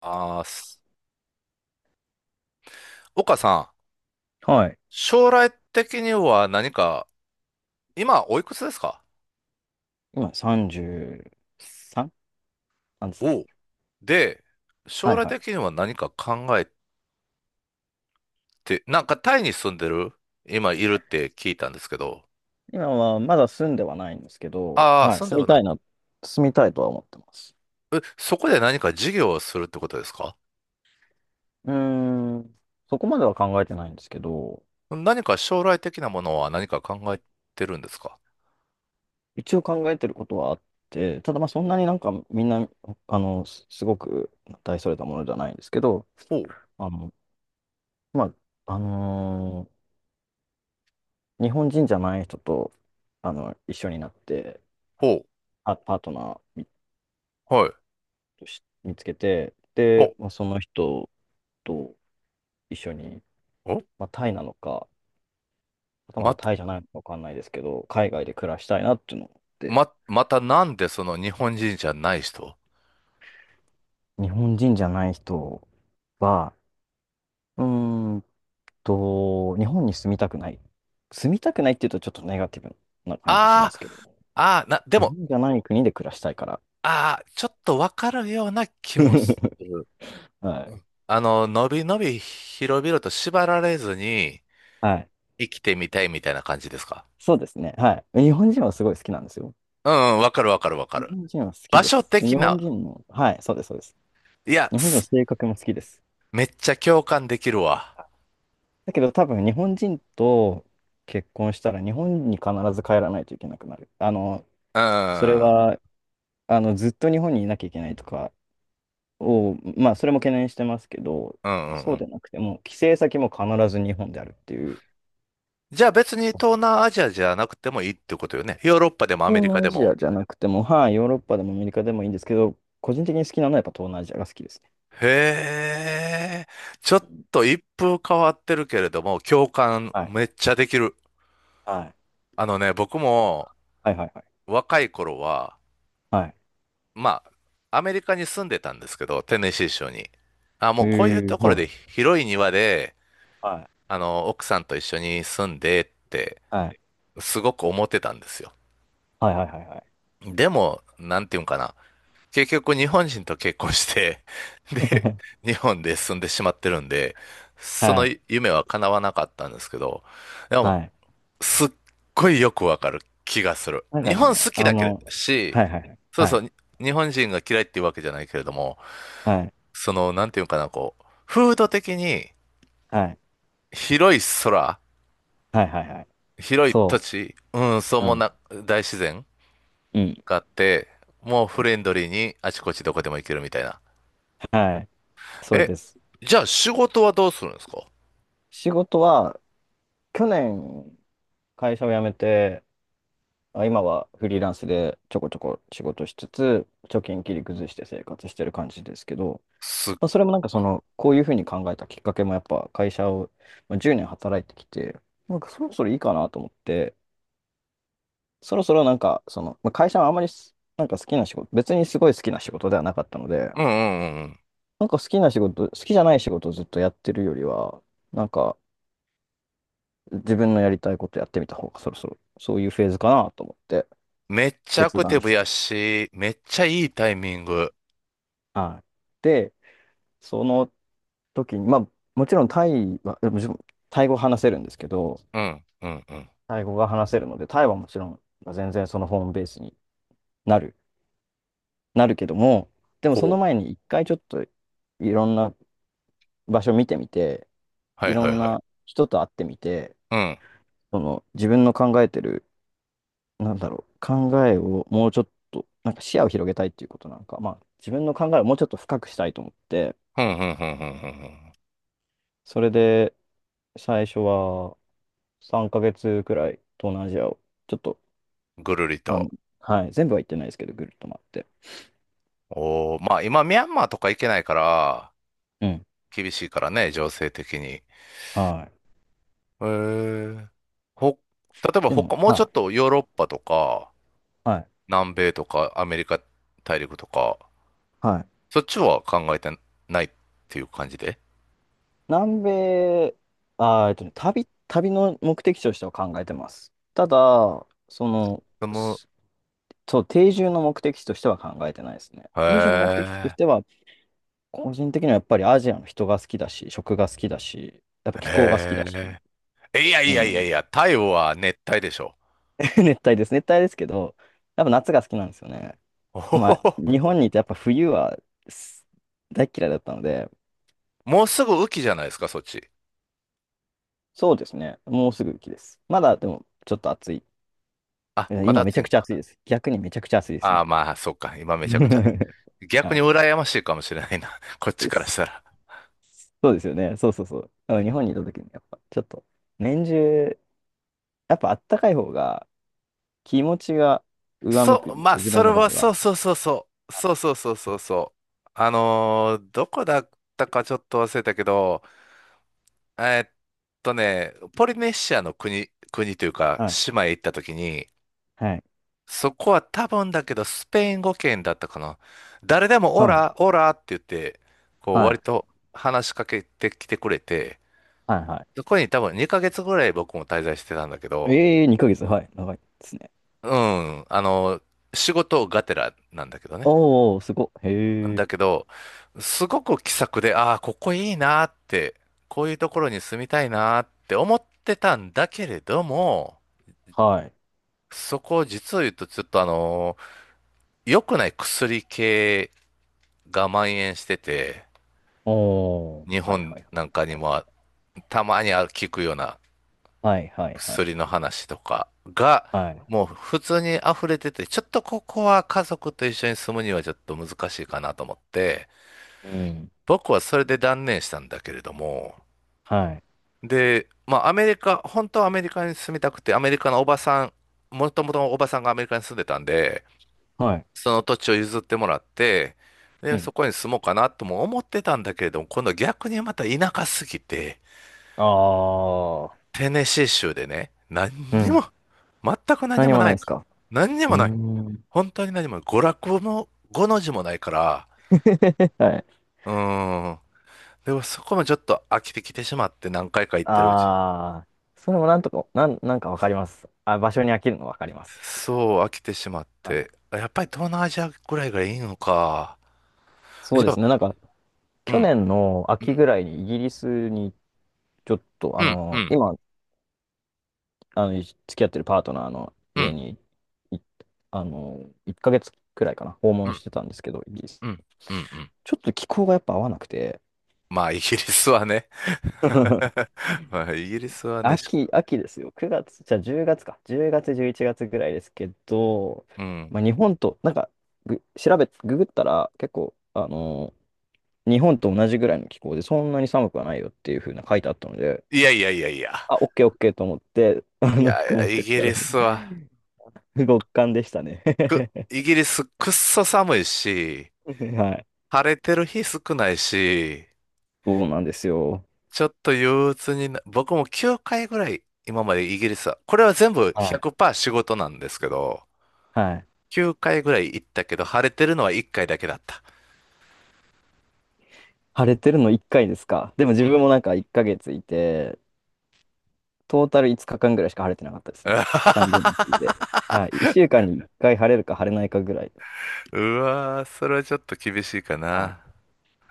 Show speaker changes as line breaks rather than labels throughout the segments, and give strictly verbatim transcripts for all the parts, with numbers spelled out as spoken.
あーす。岡さん、
はい。
将来的には何か、今おいくつですか？
今 さんじゅうさん なんですね。
おう。で、将
はい
来
はい。
的には何か考えて、なんかタイに住んでる今いるって聞いたんですけど。
今はまだ住んではないんですけど、
ああ、
はい、
住んで
住
は
み
な
た
い。
いな、住みたいとは思ってます。
え、そこで何か事業をするってことですか？
うーん、そこまでは考えてないんですけど、
何か将来的なものは何か考えてるんですか？
一応考えてることはあって、ただまあそんなになんかみんな、あの、すすごく大それたものじゃないんですけど、
ほう、
あの、まあ、あのー日本人じゃない人と、あの、一緒になって、
ほ
あ、パートナー見
う、はい。
見つけて、
ほ
で、まあ、その人と、一緒に、
う、お、
まあ、タイなのか、はたまたタイじゃないのかわかんないですけど、海外で暮らしたいなっていうのを思って、
ま、またなんでその日本人じゃない人？
日本人じゃない人は、うーんと、日本に住みたくない。住みたくないっていうとちょっとネガティブな感じしま
ああ、
すけど、
ああ、な、で
日
も、
本じゃない国で暮らしたいから。
ああ、ちょっとわかるような気もす る。
は
う
い。
ん、あの、のびのび広々と縛られずに
はい。
生きてみたいみたいな感じですか？
そうですね。はい。日本人はすごい好きなんですよ。
うんうん、わかるわかるわか
日
る。
本人は好き
場
で
所
す。
的
日本
な、
人の、はい、そうです、そうです。
いや、
日本人の
す
性格も好きです。
めっちゃ共感できるわ。
だけど多分日本人と結婚したら日本に必ず帰らないといけなくなる。あの、
う
それ
ん、うん
は、あの、ずっと日本にいなきゃいけないとかを、まあ、それも懸念してますけど、
うんう
そうで
ん。
なくても、帰省先も必ず日本であるっていう、
じゃあ別に東南アジアじゃなくてもいいってことよね。ヨーロッパでもアメ
東
リカ
南ア
で
ジア
も？
じゃなくても、はい、ヨーロッパでもアメリカでもいいんですけど、個人的に好きなのはやっぱ東南アジアが好きですね。
へえ、ちょ
う
っ
ん
と一風変わってるけれども、共感
はい。
めっちゃできる。
はい。
あのね、僕も
はいはいはい。
若い頃は、
はい。
まあ、アメリカに住んでたんですけど、テネシー州に。あ、もうこういう
え
と
ー、
ころ
は
で
い。
広い庭で、
はい。
あの、奥さんと一緒に住んでって、
はい。
すごく思ってたんですよ。
はいはいはいは
でも、なんていうんかな。結局日本人と結婚して、
い。
で、日本で住んでしまってるんで、そ
は
の
い。
夢は叶わなかったんですけど、で
は
も、
い。
すっごいよくわかる気がする。
なんか
日本
ね、
好き
あ
だけ
の、
し、
はいはい、
そう
は
そう、
い、
に日本人が嫌いっていうわけじゃないけれども、
はい、
その、なんていうかな、こう、風土的に
はい、
広い空、
はい、はい、はい、
広い土
そ
地、うん、そう
う、う
も
ん、
な、大自然
うん、
があって、もう
う
フ
ん
レンドリーにあちこちどこでも行けるみたいな。
はい、それ
え、
です。
じゃあ仕事はどうするんですか？
仕事は、去年、会社を辞めて、あ、今はフリーランスでちょこちょこ仕事しつつ、貯金切り崩して生活してる感じですけど、
すっ、
まあ、それもなんかその、こういうふうに考えたきっかけもやっぱ会社を、まあ、じゅうねん働いてきて、なんかそろそろいいかなと思って、そろそろなんか、その、まあ、会社はあんまりすなんか好きな仕事、別にすごい好きな仕事ではなかったので、
うんうんうんうん。
なんか好きな仕事、好きじゃない仕事をずっとやってるよりは、なんか自分のやりたいことやってみた方がそろそろそういうフェーズかなと思って
めっちゃア
決
クテ
断
ィブ
し
や
て。
し、めっちゃいいタイミング。
はい。で、その時に、まあもちろんタイは、もちろんタイ語話せるんですけど、
うん、うん、うん。
タイ語が話せるので、タイはもちろんまあ全然そのホームベースになる、なるけども、でも
そ
その
う。
前に一回ちょっといろんな場所見てみて、
は
い
い
ろ
はい
ん
はい。
な人と会ってみて、
うん、
その自分の考えてる、なんだろう、考えをもうちょっと、なんか視野を広げたいっていうことなんか、まあ自分の考えをもうちょっと深くしたいと思って、
うん、うん、うん、うん。うんうん。
それで最初はさんかげつくらい東南アジアをちょっと、
ぐるり
あ
と。
の、はい、全部は行ってないですけど、ぐるっと回って。
おー、まあ今ミャンマーとか行けないから、
うん。
厳しいからね、情勢的に。へ
はい。
え。ほ、例えば
でも、
他、もう
は
ちょ
い、
っとヨーロッパとか、
はい、
南米とか、アメリカ大陸とか、
はい。
そっちは考えてないっていう感じで。
南米、あー、えっとね、旅、旅の目的地としては考えてます。ただ、その、
でも、
すそう、定住の目的地としては考えてないですね。
へ
定住の目的地とし
え、
ては、個人的にはやっぱりアジアの人が好きだし、食が好きだし、やっぱ気候が好きだし、
へえ。いや
う
いやいやい
ん。
や、太陽は熱帯でしょ。
熱帯です。熱帯ですけど、やっぱ夏が好きなんですよね。
おほ
ま
ほ
あ、
ほ。
日本にいてやっぱ冬はす大っ嫌いだったので、
もうすぐ雨季じゃないですか、そっち。
そうですね。もうすぐ雪です。まだでもちょっと暑い。
あ、
え
まだ
今めち
暑い
ゃ
ん
くちゃ
か。
暑いです。逆にめちゃくちゃ暑いです、
ああ、
今。
まあ、そっか。今めちゃくちゃ。逆
は
に
い。
羨ましいかもしれないな。こっちからし
そ
たら。
そうですよね。そうそうそう。だから日本にいた時にやっぱちょっと年中やっぱあったかい方が気持ちが上向く
そう、
んです
まあ、
よ、自
そ
分
れ
の場合
は、そう
は。
そうそうそう。そうそうそうそうそう。あのーどこだったかちょっと忘れたけど、えーっとね、ポリネシアの国、国というか、
はい。
島へ行った時に、
はい。
そこは多分だけど、スペイン語圏だったかな。誰でもオ
はい。
ラ、オラって言って、こう
は
割
い。
と話しかけてきてくれて、
はい。は
そこに多分にかげつぐらい僕も滞在してたんだけ
い。
ど、
ええー、ヶ月。はい。長いですね。
うん、あの、仕事がてらなんだけどね。
おー、すごい。へ
だ
え。
けど、すごく気さくで、ああ、ここいいなって、こういうところに住みたいなって思ってたんだけれども、
はい。
そこを実を言うとちょっとあの、良くない薬系が蔓延してて、
おー。
日
はい。
本
はい。
なんかに
はい。
もたまに聞くような
はい。はい。はい。
薬の話とかが、
はい
もう普通に溢れてて、ちょっとここは家族と一緒に住むにはちょっと難しいかなと思って、
うん。
僕はそれで断念したんだけれども、
はい。
で、まあアメリカ、本当はアメリカに住みたくて、アメリカのおばさん、もともとおばさんがアメリカに住んでたんで、
はい。
その土地を譲ってもらって、で、
う
そ
ん。
こに住もうかなとも思ってたんだけれども、今度逆にまた田舎すぎて、
ああ。
テネシー州でね、何
う
に
ん。
も、全く何
何
も
も
な
ない
い
です
から。
か？
何に
う
も
ー
ない。
ん。
本当に何も、娯楽も、ごの字もないから、
はい。
うーん。でもそこもちょっと飽きてきてしまって、何回か行ってるうちに。
ああ。それもなんとか、なん、なんかわかります。あ、場所に飽きるのわかります。
そう、飽きてしまっ
はい。
て。やっぱり東南アジアぐらいがいいのか。
そう
じ
で
ゃあ、
すね。なんか、
うん、
去年の
う
秋ぐ
ん、
らいにイギリスにちょっと、あ
うん、う
の、
ん、
今、あの、付き合ってるパートナーの
う
家
ん、
に、いあの、いっかげつくらいかな、訪
う
問
ん、
してたんですけど、イギリス。
うん、うん、うん。
ちょっと気候がやっぱ合わなくて、
まあ、イギリスはね。まあ、イギリスはね、し、
秋、秋ですよ。くがつ、じゃあじゅうがつか。じゅうがつ、じゅういちがつぐらいですけど、
うん。
まあ、日本と、なんか、ぐ調べ、ググったら結構、あの、日本と同じぐらいの気候で、そんなに寒くはないよっていう風な書いてあったので、
いやいやいやいや。
あ、オッケーオッケーと思って、あ
い
の服
や
持
い
っ
や、イ
てっ
ギ
たら、
リス は
極寒でしたね。
く、イギリスくっそ寒いし、
はい。
晴れてる日少ないし、
そうなんですよ。
ちょっと憂鬱にな、僕もきゅうかいぐらい今までイギリスは、これは全部
はい。
ひゃくパーセント仕事なんですけど、
はい。
きゅうかいぐらい行ったけど、晴れてるのはいっかいだけだった。
晴れてるのいっかいですか。でも自
うん。
分もなんかいっかげついて、トータルいつかかんぐらいしか晴れてなかったですね。さんじゅうにちい て。はい。いっしゅうかんにいっかい晴れるか晴れないかぐらい。
うわー、それはちょっと厳しいか
は
な。
い。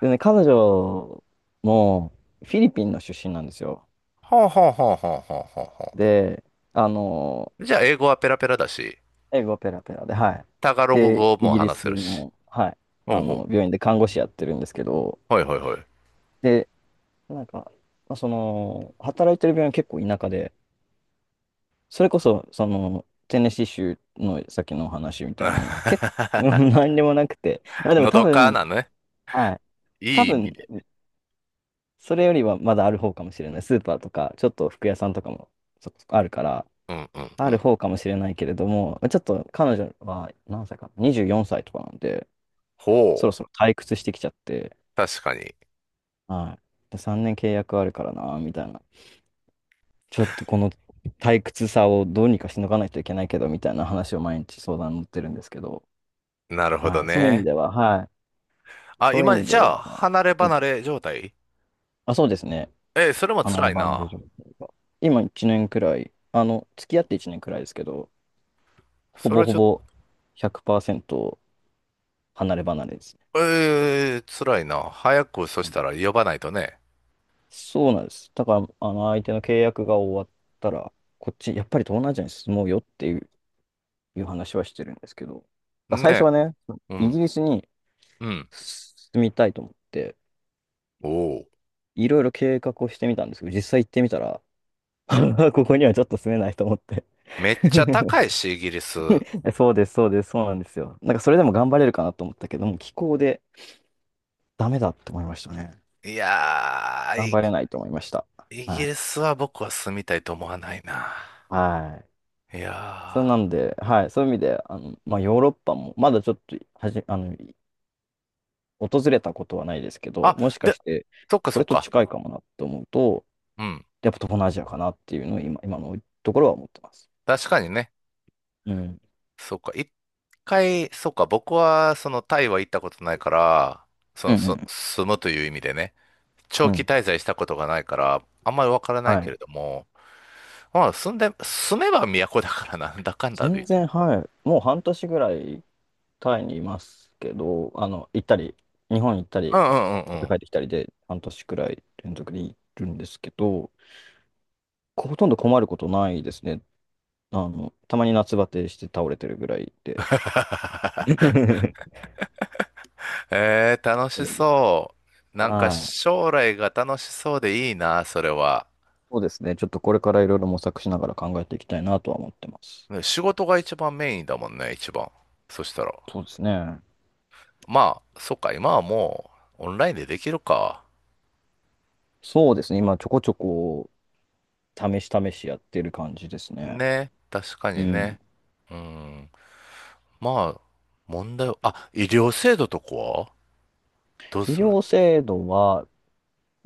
でね、彼女もフィリピンの出身なんですよ。
ほうほうほうほうほうほうほ
で、あの
う。じゃあ、英語はペラペラだし、
英語ペラペラで、はい。
タガログ
で、
語
イ
も
ギリ
話せ
ス
るし。
の、はい、
ほ
あ
う
の、
ほ
病院で看護師やってるんですけど、
う。はいはいはい。
で、なんか、まあその、働いてる病院結構田舎で、それこそ、その、テネシー州のさっきのお話みたいに、結構、何でもなくて、まあでも
の
多
どか
分、
なね。
はい、
い
多
い意
分、
味、
それよりはまだある方かもしれない。スーパーとか、ちょっと服屋さんとかもちょっとあるから、
うんうん
あ
う
る
ん。
方かもしれないけれども、ちょっと彼女は何歳かな、にじゅうよんさいとかなんで、そ
ほ
ろ
う。
そろ退屈してきちゃって、
確かに。
はい。さんねん契約あるからな、みたいな。ちょっとこの退屈さをどうにかしのがないといけないけど、みたいな話を毎日相談に乗ってるんですけど、
なるほど
はい。そういう意味
ね。
では、はい。
あ、
そういう意
今、
味
じ
で
ゃあ、
は、
離れ
うん。
離れ状態？
あ、そうですね。
えー、それも
離
辛
れ
い
離れ
な。
状態が。今いちねんくらい、あの、付き合っていちねんくらいですけど、ほ
そ
ぼ
れ
ほ
ちょっ
ぼひゃくパーセント離れ離れですね。
と、えー、辛いな。早く、そ
う
し
ん
たら呼ばないとね。
そうなんです。だから、あの、相手の契約が終わったら、こっち、やっぱり東南アジアに進もうよっていう話はしてるんですけど、最初
ね。
はね、
う
イギ
ん。
リスに
うん。
住みたいと思って、
おお。
いろいろ計画をしてみたんですけど、実際行ってみたら、ここにはちょっと住めないと思って
めっ ちゃ高いし、イギリス。
そうです、そうです、そうなんですよ。なんかそれでも頑張れるかなと思ったけども、気候でダメだって思いましたね。
いやー、
頑
イ
張れないと思いました。
イ
は
ギリ
い。
スは僕は住みたいと思わないな。
はい。
い
そう
やー。
なんで、はい、そういう意味で、あの、まあ、ヨーロッパも、まだちょっとはじ、あの、訪れたことはないですけど、
あ、
もしか
で、
して、
そっか
こ
そ
れ
っ
と
か。
近いかもなって思うと、
うん。
やっぱ東南アジアかなっていうのを今、今のところは思ってます。
確かにね。
うん。
そうか、一回、そうか、僕は、その、タイは行ったことないから、そ
うん
の、
う
そ、
ん。
住むという意味でね、
う
長期
ん。
滞在したことがないから、あんまりわからな
は
いけ
い。
れども、まあ、住んで、住めば都だからなんだかんだで
全
言って。
然、はい。もう半年ぐらいタイにいますけど、あの、行ったり、日本行った
う
り、
んうんうん
ま
う
た帰
ん。
ってきたりで、半年くらい連続でいるんですけど、ほとんど困ることないですね。あの、たまに夏バテして倒れてるぐらいで。
えー、楽
そ
し
れぐらい。
そう。なんか、
はい。
将来が楽しそうでいいな、それは。
そうですね。ちょっとこれからいろいろ模索しながら考えていきたいなとは思ってます。
ね、仕事が一番メインだもんね、一番。そしたら。
そうですね。
まあ、そっか、今はもう、オンラインでできるか。
そうですね。今、ちょこちょこ、試し試しやってる感じですね。
ね、確か
う
に
ん。
ね。うん。まあ、問題は、あ、医療制度とかはどう
医
するの？
療制度は、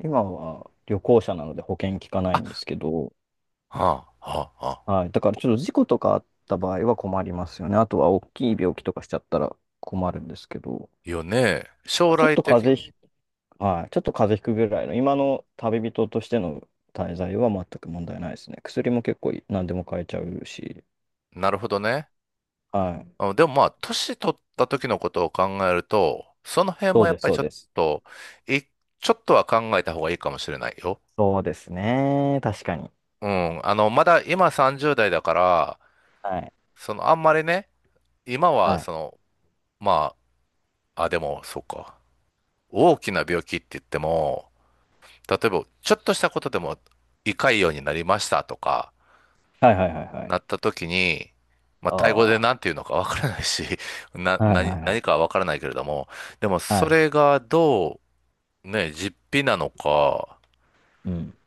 今は旅行者なので保険効かないんですけど、
はあ、はあ、はあ。
はい。だからちょっと事故とかあった場合は困りますよね。あとは大きい病気とかしちゃったら困るんですけど、
よね。将
ちょっ
来
と
的
風
に。
邪ひ、はい。ちょっと風邪ひくぐらいの、今の旅人としての滞在は全く問題ないですね。薬も結構何でも買えちゃうし、
なるほどね。
はい。
うん、でもまあ、年取った時のことを考えると、その辺も
そう
やっ
です、
ぱり
そ
ち
う
ょっ
です。
と、い、ちょっとは考えた方がいいかもしれないよ。
そうですね。確かに。
うん。あの、まだ今さんじゅうだい代だから、
はい。
その、あんまりね、今は
は
そ
い
の、まあ、あ、でも、そうか。大きな病気って言っても、例えば、ちょっとしたことでも、胃潰瘍になりましたとか、
はいはいはいはい。
なった時に、まあ、タイ語
あ
で何て言うのかわからないし、な、
あはい
何、
はいは
何か
い。
はわからないけれども、でも、
は
そ
い。
れがどう、ね、実費なのか、
うん。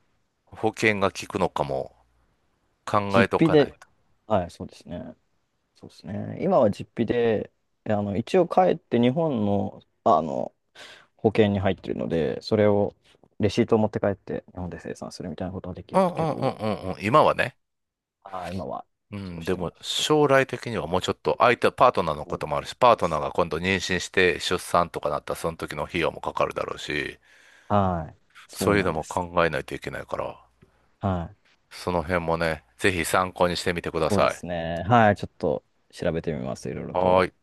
保険が効くのかも考
実
えと
費
かな
で、
いと。
はい、そうですね。そうですね。今は実費で、あの、一応帰って日本の、あの、保険に入ってるので、それを、レシートを持って帰って日本で生産するみたいなことはでき
う
る
んう
け
んうん
ど、
うんうん。今はね。
ああ、今は
う
そう
ん、
し
で
てま
も、
すけど。
将来的にはもうちょっと、相手、パートナーのこ
そう
ともあるし、パー
で
トナー
す
が今度妊娠して出産とかなったら、その時の費用もかかるだろうし、
はい。
そ
そう
ういう
なん
の
で
も
す。
考えないといけないから、
はい。
その辺もね、ぜひ参考にしてみてくだ
そうで
さい。
すね。はい。ちょっと調べてみます。いろいろ
はー
と。
い。